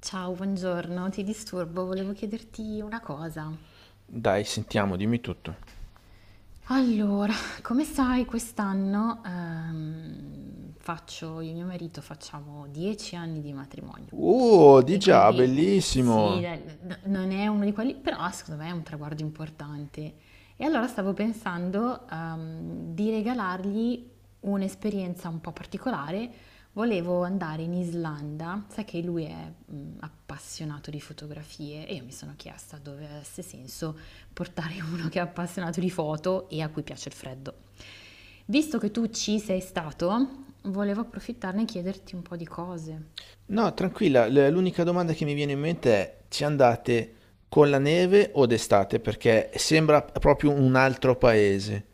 Ciao, buongiorno, ti disturbo, volevo chiederti una cosa. Dai, sentiamo, dimmi tutto. Allora, come sai, quest'anno faccio, io e mio marito facciamo 10 anni di matrimonio Oh, di e già, quindi sì, bellissimo. dai, non è uno di quelli, però secondo me è un traguardo importante. E allora stavo pensando di regalargli un'esperienza un po' particolare. Volevo andare in Islanda, sai che lui è appassionato di fotografie e io mi sono chiesta dove avesse senso portare uno che è appassionato di foto e a cui piace il freddo. Visto che tu ci sei stato, volevo approfittarne e chiederti un po' di cose. No, tranquilla, l'unica domanda che mi viene in mente è, ci andate con la neve o d'estate? Perché sembra proprio un altro paese.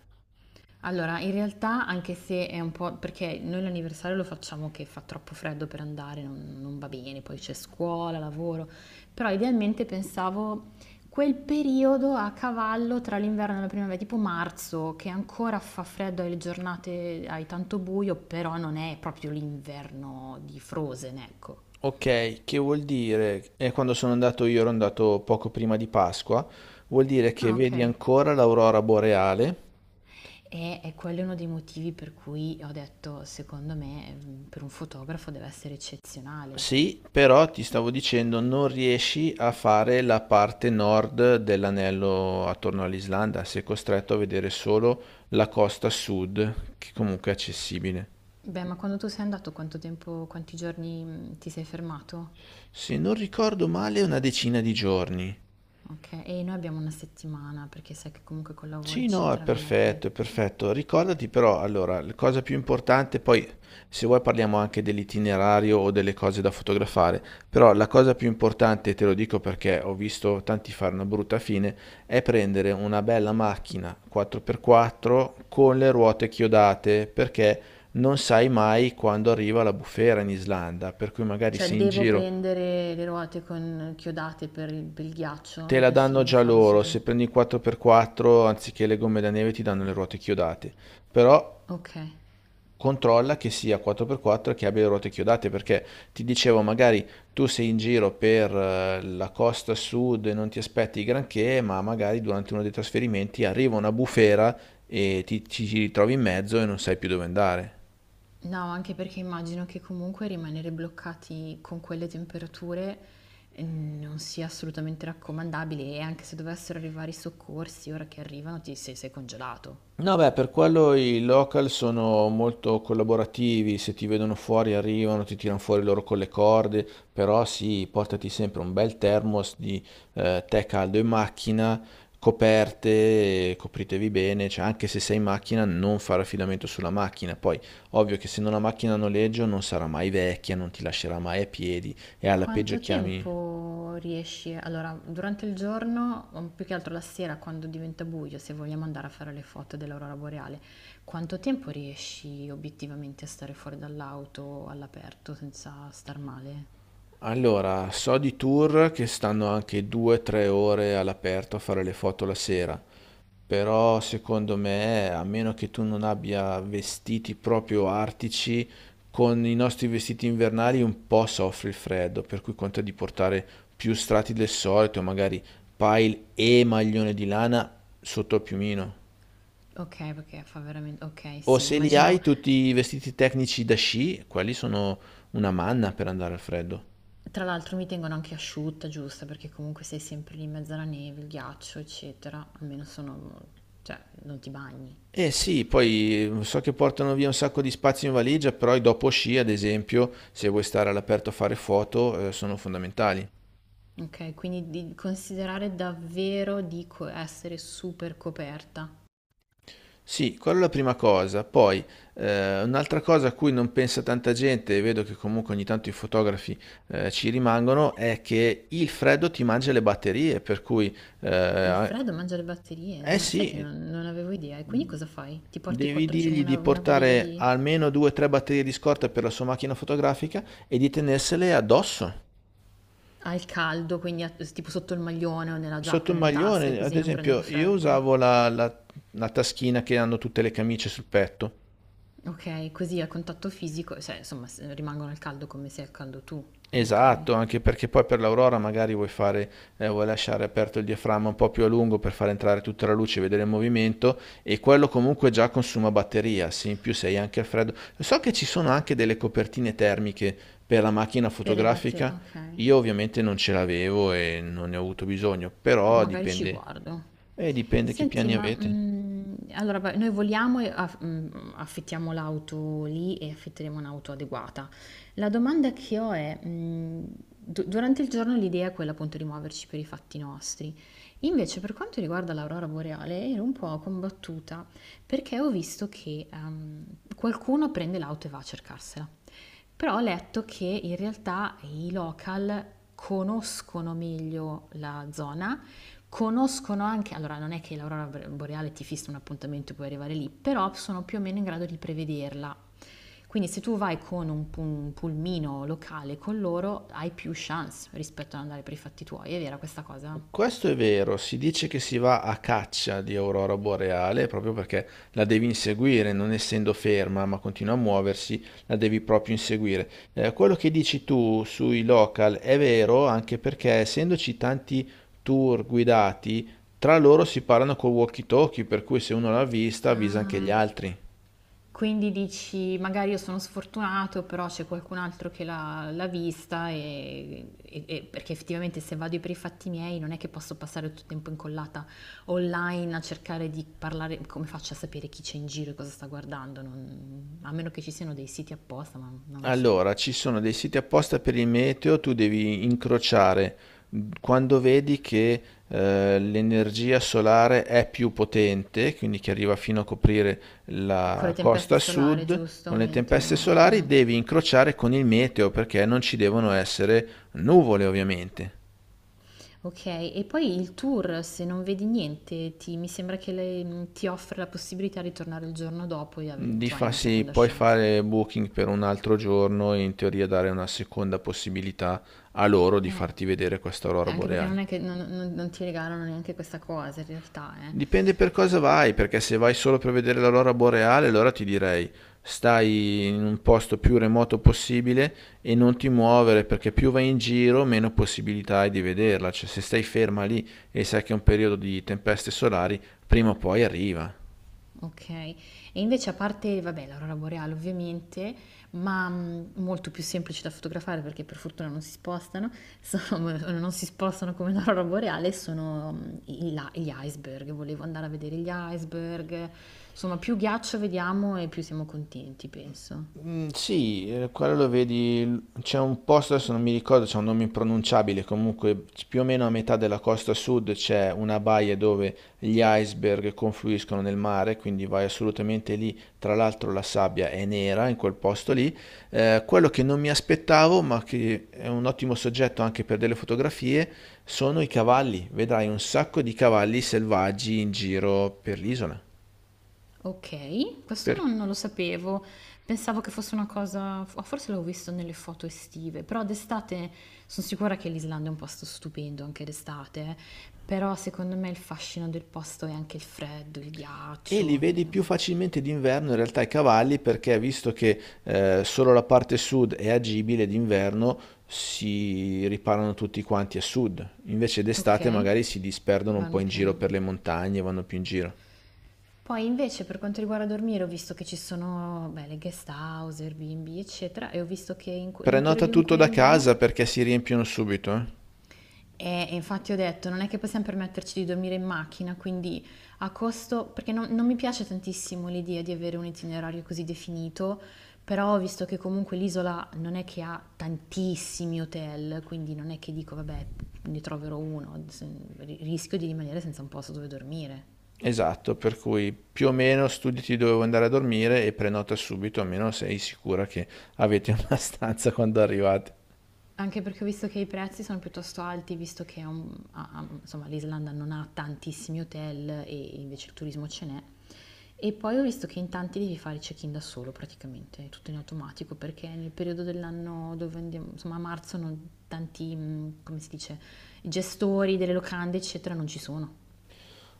Allora, in realtà, anche se è un po' perché noi l'anniversario lo facciamo che fa troppo freddo per andare, non va bene, poi c'è scuola, lavoro, però idealmente pensavo quel periodo a cavallo tra l'inverno e la primavera, tipo marzo, che ancora fa freddo, hai le giornate, hai tanto buio, però non è proprio l'inverno di Frozen, ecco. Ok, che vuol dire? E quando sono andato io ero andato poco prima di Pasqua, vuol dire che Ah, ok. vedi ancora l'aurora boreale. E quello è uno dei motivi per cui ho detto, secondo me, per un fotografo deve essere eccezionale. Sì, però ti stavo dicendo, non riesci a fare la parte nord dell'anello attorno all'Islanda, sei costretto a vedere solo la costa sud, che comunque è accessibile. Beh, ma quando tu sei andato quanto tempo, quanti giorni ti sei fermato? Se non ricordo male, una decina di giorni. Ok, e noi abbiamo una settimana perché sai che comunque con lavoro Sì, no, è eccetera non è che... perfetto, è perfetto. Ricordati però, allora, la cosa più importante, poi se vuoi parliamo anche dell'itinerario o delle cose da fotografare, però la cosa più importante, te lo dico perché ho visto tanti fare una brutta fine, è prendere una bella macchina 4x4 con le ruote chiodate, perché non sai mai quando arriva la bufera in Islanda, per cui magari Cioè sei in devo giro, prendere le ruote con chiodate per per il ghiaccio, te mi la consigli danno di già farlo loro, se assolutamente. prendi il 4x4 anziché le gomme da neve ti danno le ruote chiodate. Però Ok, controlla che sia 4x4 e che abbia le ruote chiodate, perché ti dicevo, magari tu sei in giro per la costa sud e non ti aspetti granché, ma magari durante uno dei trasferimenti arriva una bufera e ti ritrovi in mezzo e non sai più dove andare. no, anche perché immagino che comunque rimanere bloccati con quelle temperature non sia assolutamente raccomandabile e anche se dovessero arrivare i soccorsi, ora che arrivano ti sei congelato. No, beh, per quello i local sono molto collaborativi, se ti vedono fuori arrivano, ti tirano fuori loro con le corde, però sì, portati sempre un bel thermos di tè caldo in macchina, coperte, copritevi bene, cioè anche se sei in macchina non fare affidamento sulla macchina, poi ovvio che se non la macchina a noleggio non sarà mai vecchia, non ti lascerà mai a piedi e alla peggio Quanto chiami... tempo riesci allora, durante il giorno, o più che altro la sera quando diventa buio, se vogliamo andare a fare le foto dell'aurora boreale, quanto tempo riesci obiettivamente a stare fuori dall'auto all'aperto senza star male? Allora, so di tour che stanno anche 2-3 ore all'aperto a fare le foto la sera. Però secondo me, a meno che tu non abbia vestiti proprio artici, con i nostri vestiti invernali un po' soffre il freddo, per cui conta di portare più strati del solito, magari pile e maglione di lana sotto al piumino. Ok, perché fa veramente... Ok, O sì, se li immaginavo. hai tutti i vestiti tecnici da sci, quelli sono una manna per andare al freddo. Tra l'altro mi tengono anche asciutta, giusta, perché comunque sei sempre lì in mezzo alla neve, il ghiaccio, eccetera. Almeno sono... cioè, non ti bagni. Eh sì, poi so che portano via un sacco di spazio in valigia, però i dopo sci, ad esempio, se vuoi stare all'aperto a fare foto, sono fondamentali. Okay, quindi di considerare davvero di co essere super coperta. Sì, quella è la prima cosa. Poi, un'altra cosa a cui non pensa tanta gente, e vedo che comunque ogni tanto i fotografi ci rimangono, è che il freddo ti mangia le batterie, per cui, Il eh, freddo mangia le batterie, eh non sai che sì, non avevo idea. E quindi cosa fai? Ti porti devi quattroce dirgli di una valigia portare di almeno 2 o 3 batterie di scorta per la sua macchina fotografica e di tenersele addosso. al caldo, quindi a s tipo sotto il maglione o nella Sotto giacca, un nelle tasche, maglione, ad così non prendono esempio, io freddo. usavo la taschina che hanno tutte le camicie sul petto. Okay, così a contatto fisico, cioè insomma s rimangono al caldo come sei al caldo tu, okay. Esatto, anche perché poi per l'Aurora magari vuoi fare, vuoi lasciare aperto il diaframma un po' più a lungo per far entrare tutta la luce e vedere il movimento e quello comunque già consuma batteria, sì, in più sei anche al freddo. So che ci sono anche delle copertine termiche per la macchina Per le batte fotografica, okay, io ovviamente non ce l'avevo e non ne ho avuto bisogno, però magari ci dipende, guardo. Dipende che Senti, piani ma avete. Allora vabbè, noi voliamo e af affittiamo l'auto lì e affitteremo un'auto adeguata. La domanda che ho è, du durante il giorno l'idea è quella appunto di muoverci per i fatti nostri. Invece per quanto riguarda l'aurora boreale ero un po' combattuta perché ho visto che, qualcuno prende l'auto e va a cercarsela. Però ho letto che in realtà i local conoscono meglio la zona conoscono anche, allora non è che l'aurora boreale ti fissa un appuntamento e puoi arrivare lì, però sono più o meno in grado di prevederla. Quindi se tu vai con un, un pulmino locale con loro hai più chance rispetto ad andare per i fatti tuoi, è vera questa cosa? Questo è vero, si dice che si va a caccia di aurora boreale proprio perché la devi inseguire, non essendo ferma ma continua a muoversi, la devi proprio inseguire. Quello che dici tu sui local è vero anche perché essendoci tanti tour guidati, tra loro si parlano col walkie-talkie, per cui se uno l'ha vista avvisa anche gli Ah, altri. quindi dici, magari io sono sfortunato, però c'è qualcun altro che l'ha vista perché effettivamente se vado per i fatti miei non è che posso passare tutto il tempo incollata online a cercare di parlare, come faccio a sapere chi c'è in giro e cosa sta guardando? Non- a meno che ci siano dei siti apposta, ma non lo so. Allora, ci sono dei siti apposta per il meteo, tu devi incrociare quando vedi che l'energia solare è più potente, quindi che arriva fino a coprire Con la le costa tempeste a solari, sud, giusto, con le tempeste aumentano. solari Eh. devi incrociare con il meteo perché non ci devono essere nuvole, ovviamente. Ok, e poi il tour, se non vedi niente, ti- mi sembra che le- ti offre la possibilità di tornare il giorno dopo, e avere- Di insomma, hai una farsi seconda puoi chance. fare booking per un altro giorno e in teoria dare una seconda possibilità a loro di Eh, farti vedere questa aurora cioè, anche perché non boreale. è che non- non ti regalano neanche questa cosa in realtà, eh. Dipende per cosa vai, perché se vai solo per vedere l'aurora boreale, allora ti direi stai in un posto più remoto possibile e non ti muovere, perché più vai in giro, meno possibilità hai di vederla. Cioè, se stai ferma lì e sai che è un periodo di tempeste solari, prima o poi arriva. Ok. E invece a parte, vabbè, l'aurora boreale ovviamente, ma molto più semplice da fotografare perché per fortuna non si spostano, sono- non si spostano come l'aurora boreale, sono i la- gli iceberg. Volevo andare a vedere gli iceberg. Insomma, più ghiaccio vediamo e più siamo contenti, penso. Mm, sì, quello lo vedi, c'è un posto, adesso non mi ricordo, c'è un nome impronunciabile, comunque più o meno a metà della costa sud c'è una baia dove gli iceberg confluiscono nel mare, quindi vai assolutamente lì, tra l'altro la sabbia è nera in quel posto lì. Quello che non mi aspettavo, ma che è un ottimo soggetto anche per delle fotografie, sono i cavalli, vedrai un sacco di cavalli selvaggi in giro per l'isola. Okay, questo Per- non lo sapevo. Pensavo che fosse una cosa f forse l'avevo visto nelle foto estive, però d'estate son sicura che l'Islanda è un posto stupendo anche d'estate, eh. Però secondo me il fascino del posto è anche il freddo, il E li ghiaccio, vedi più facilmente d'inverno in realtà i cavalli perché visto che solo la parte sud è agibile d'inverno si riparano tutti quanti a sud, invece d'estate okay, magari si disperdono un po' vanno in più o giro no. per le montagne, vanno più in giro. Poi invece per quanto riguarda dormire ho visto che ci sono, beh, le guest house, Airbnb, eccetera, e ho visto che in cu nel Prenota periodo in tutto cui da andiamo casa perché si riempiono subito, eh? E infatti ho detto, non è che possiamo permetterci di dormire in macchina, quindi a costo, perché non mi piace tantissimo l'idea di avere un itinerario così definito, però ho visto che comunque l'isola non è che ha tantissimi hotel, quindi non è che dico, vabbè, ne troverò uno, se- rischio di rimanere senza un posto dove dormire. Esatto, per cui più o meno studiati dove vuoi andare a dormire e prenota subito, almeno sei sicura che avete una stanza quando arrivate. Anche perché ho visto che i prezzi sono piuttosto alti, visto che a- a- insomma, l'Islanda non ha tantissimi hotel e invece il turismo ce n'è. E poi ho visto che in tanti devi fare il check-in da solo praticamente, tutto in automatico, perché nel periodo dell'anno dove andiamo, insomma a marzo, non- tanti, come si dice, gestori delle locande, eccetera, non ci sono.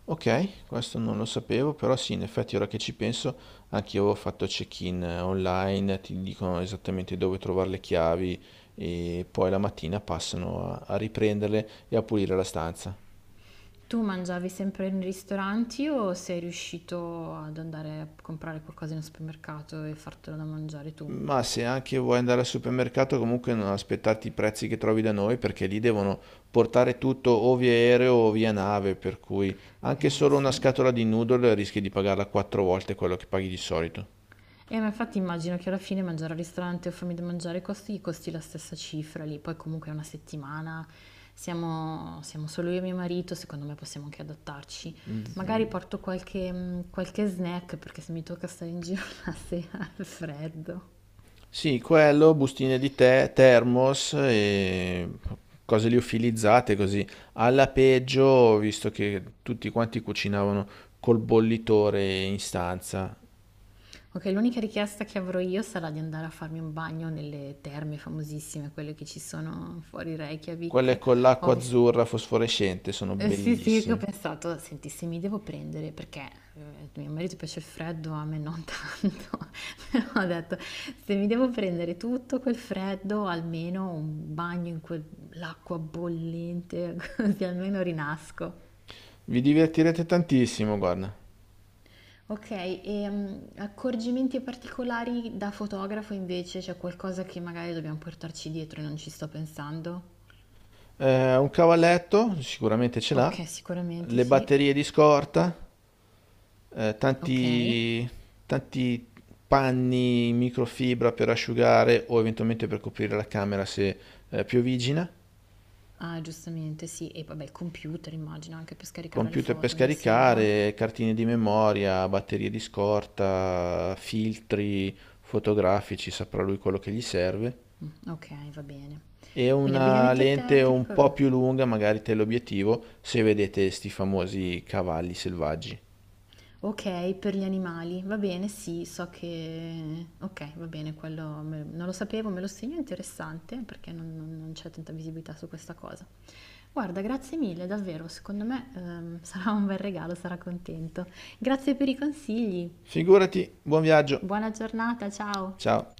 Ok, questo non lo sapevo, però sì, in effetti ora che ci penso, anche io avevo fatto check-in online, ti dicono esattamente dove trovare le chiavi e poi la mattina passano a riprenderle e a pulire la stanza. Tu mangiavi sempre in ristoranti o sei riuscito ad andare a comprare qualcosa in un supermercato e fartelo da mangiare tu? Ma se anche vuoi andare al supermercato, comunque non aspettarti i prezzi che trovi da noi, perché lì devono portare tutto o via aereo o via nave, per cui anche Eh solo una sì. scatola di noodle rischi di pagarla 4 volte quello che paghi di solito. E ma infatti immagino che alla fine mangiare al ristorante o farmi da mangiare costi, gli costi la stessa cifra lì, poi comunque è una settimana, siamo solo io e mio marito, secondo me possiamo anche adattarci. Magari porto qualche, qualche snack perché se mi tocca stare in giro la sera al freddo. Sì, quello, bustine di tè, thermos e cose liofilizzate così. Alla peggio, ho visto che tutti quanti cucinavano col bollitore in stanza. Ok, l'unica richiesta che avrò io sarà di andare a farmi un bagno nelle terme famosissime, quelle che ci sono fuori Quelle Reykjavik. con Ho l'acqua visto azzurra fosforescente sono eh, sì, sì, che ho bellissime. pensato, senti, se mi devo prendere, perché mio marito piace il freddo, a me non tanto, però ho detto, se mi devo prendere tutto quel freddo, almeno un bagno in quell'acqua bollente, così almeno rinasco. Vi divertirete tantissimo, guarda. Ok, e accorgimenti particolari da fotografo invece, c'è qualcosa che magari dobbiamo portarci dietro e non ci sto pensando? Un cavalletto, sicuramente ce l'ha. Ok, sicuramente Le sì. batterie di scorta. eh, Ok. tanti, tanti panni in microfibra per asciugare o eventualmente per coprire la camera se piovigina, Ah, giustamente, sì. E vabbè, il computer immagino anche per scaricare le computer per foto ogni sera. scaricare, cartine di memoria, batterie di scorta, filtri fotografici, saprà lui quello che gli serve. Mm, ok, va bene. E Quindi una abbigliamento lente un po' tecnico. più lunga, magari teleobiettivo, se vedete sti famosi cavalli selvaggi. Ok, per gli animali. Va bene, sì, so che... Ok, va bene, quello me- non lo sapevo, me lo segno, è interessante perché non- non c'è tanta visibilità su questa cosa. Guarda, grazie mille, davvero, secondo me sarà un bel regalo, sarà contento. Grazie per i consigli. Figurati, buon viaggio. Buona giornata, ciao. Ciao.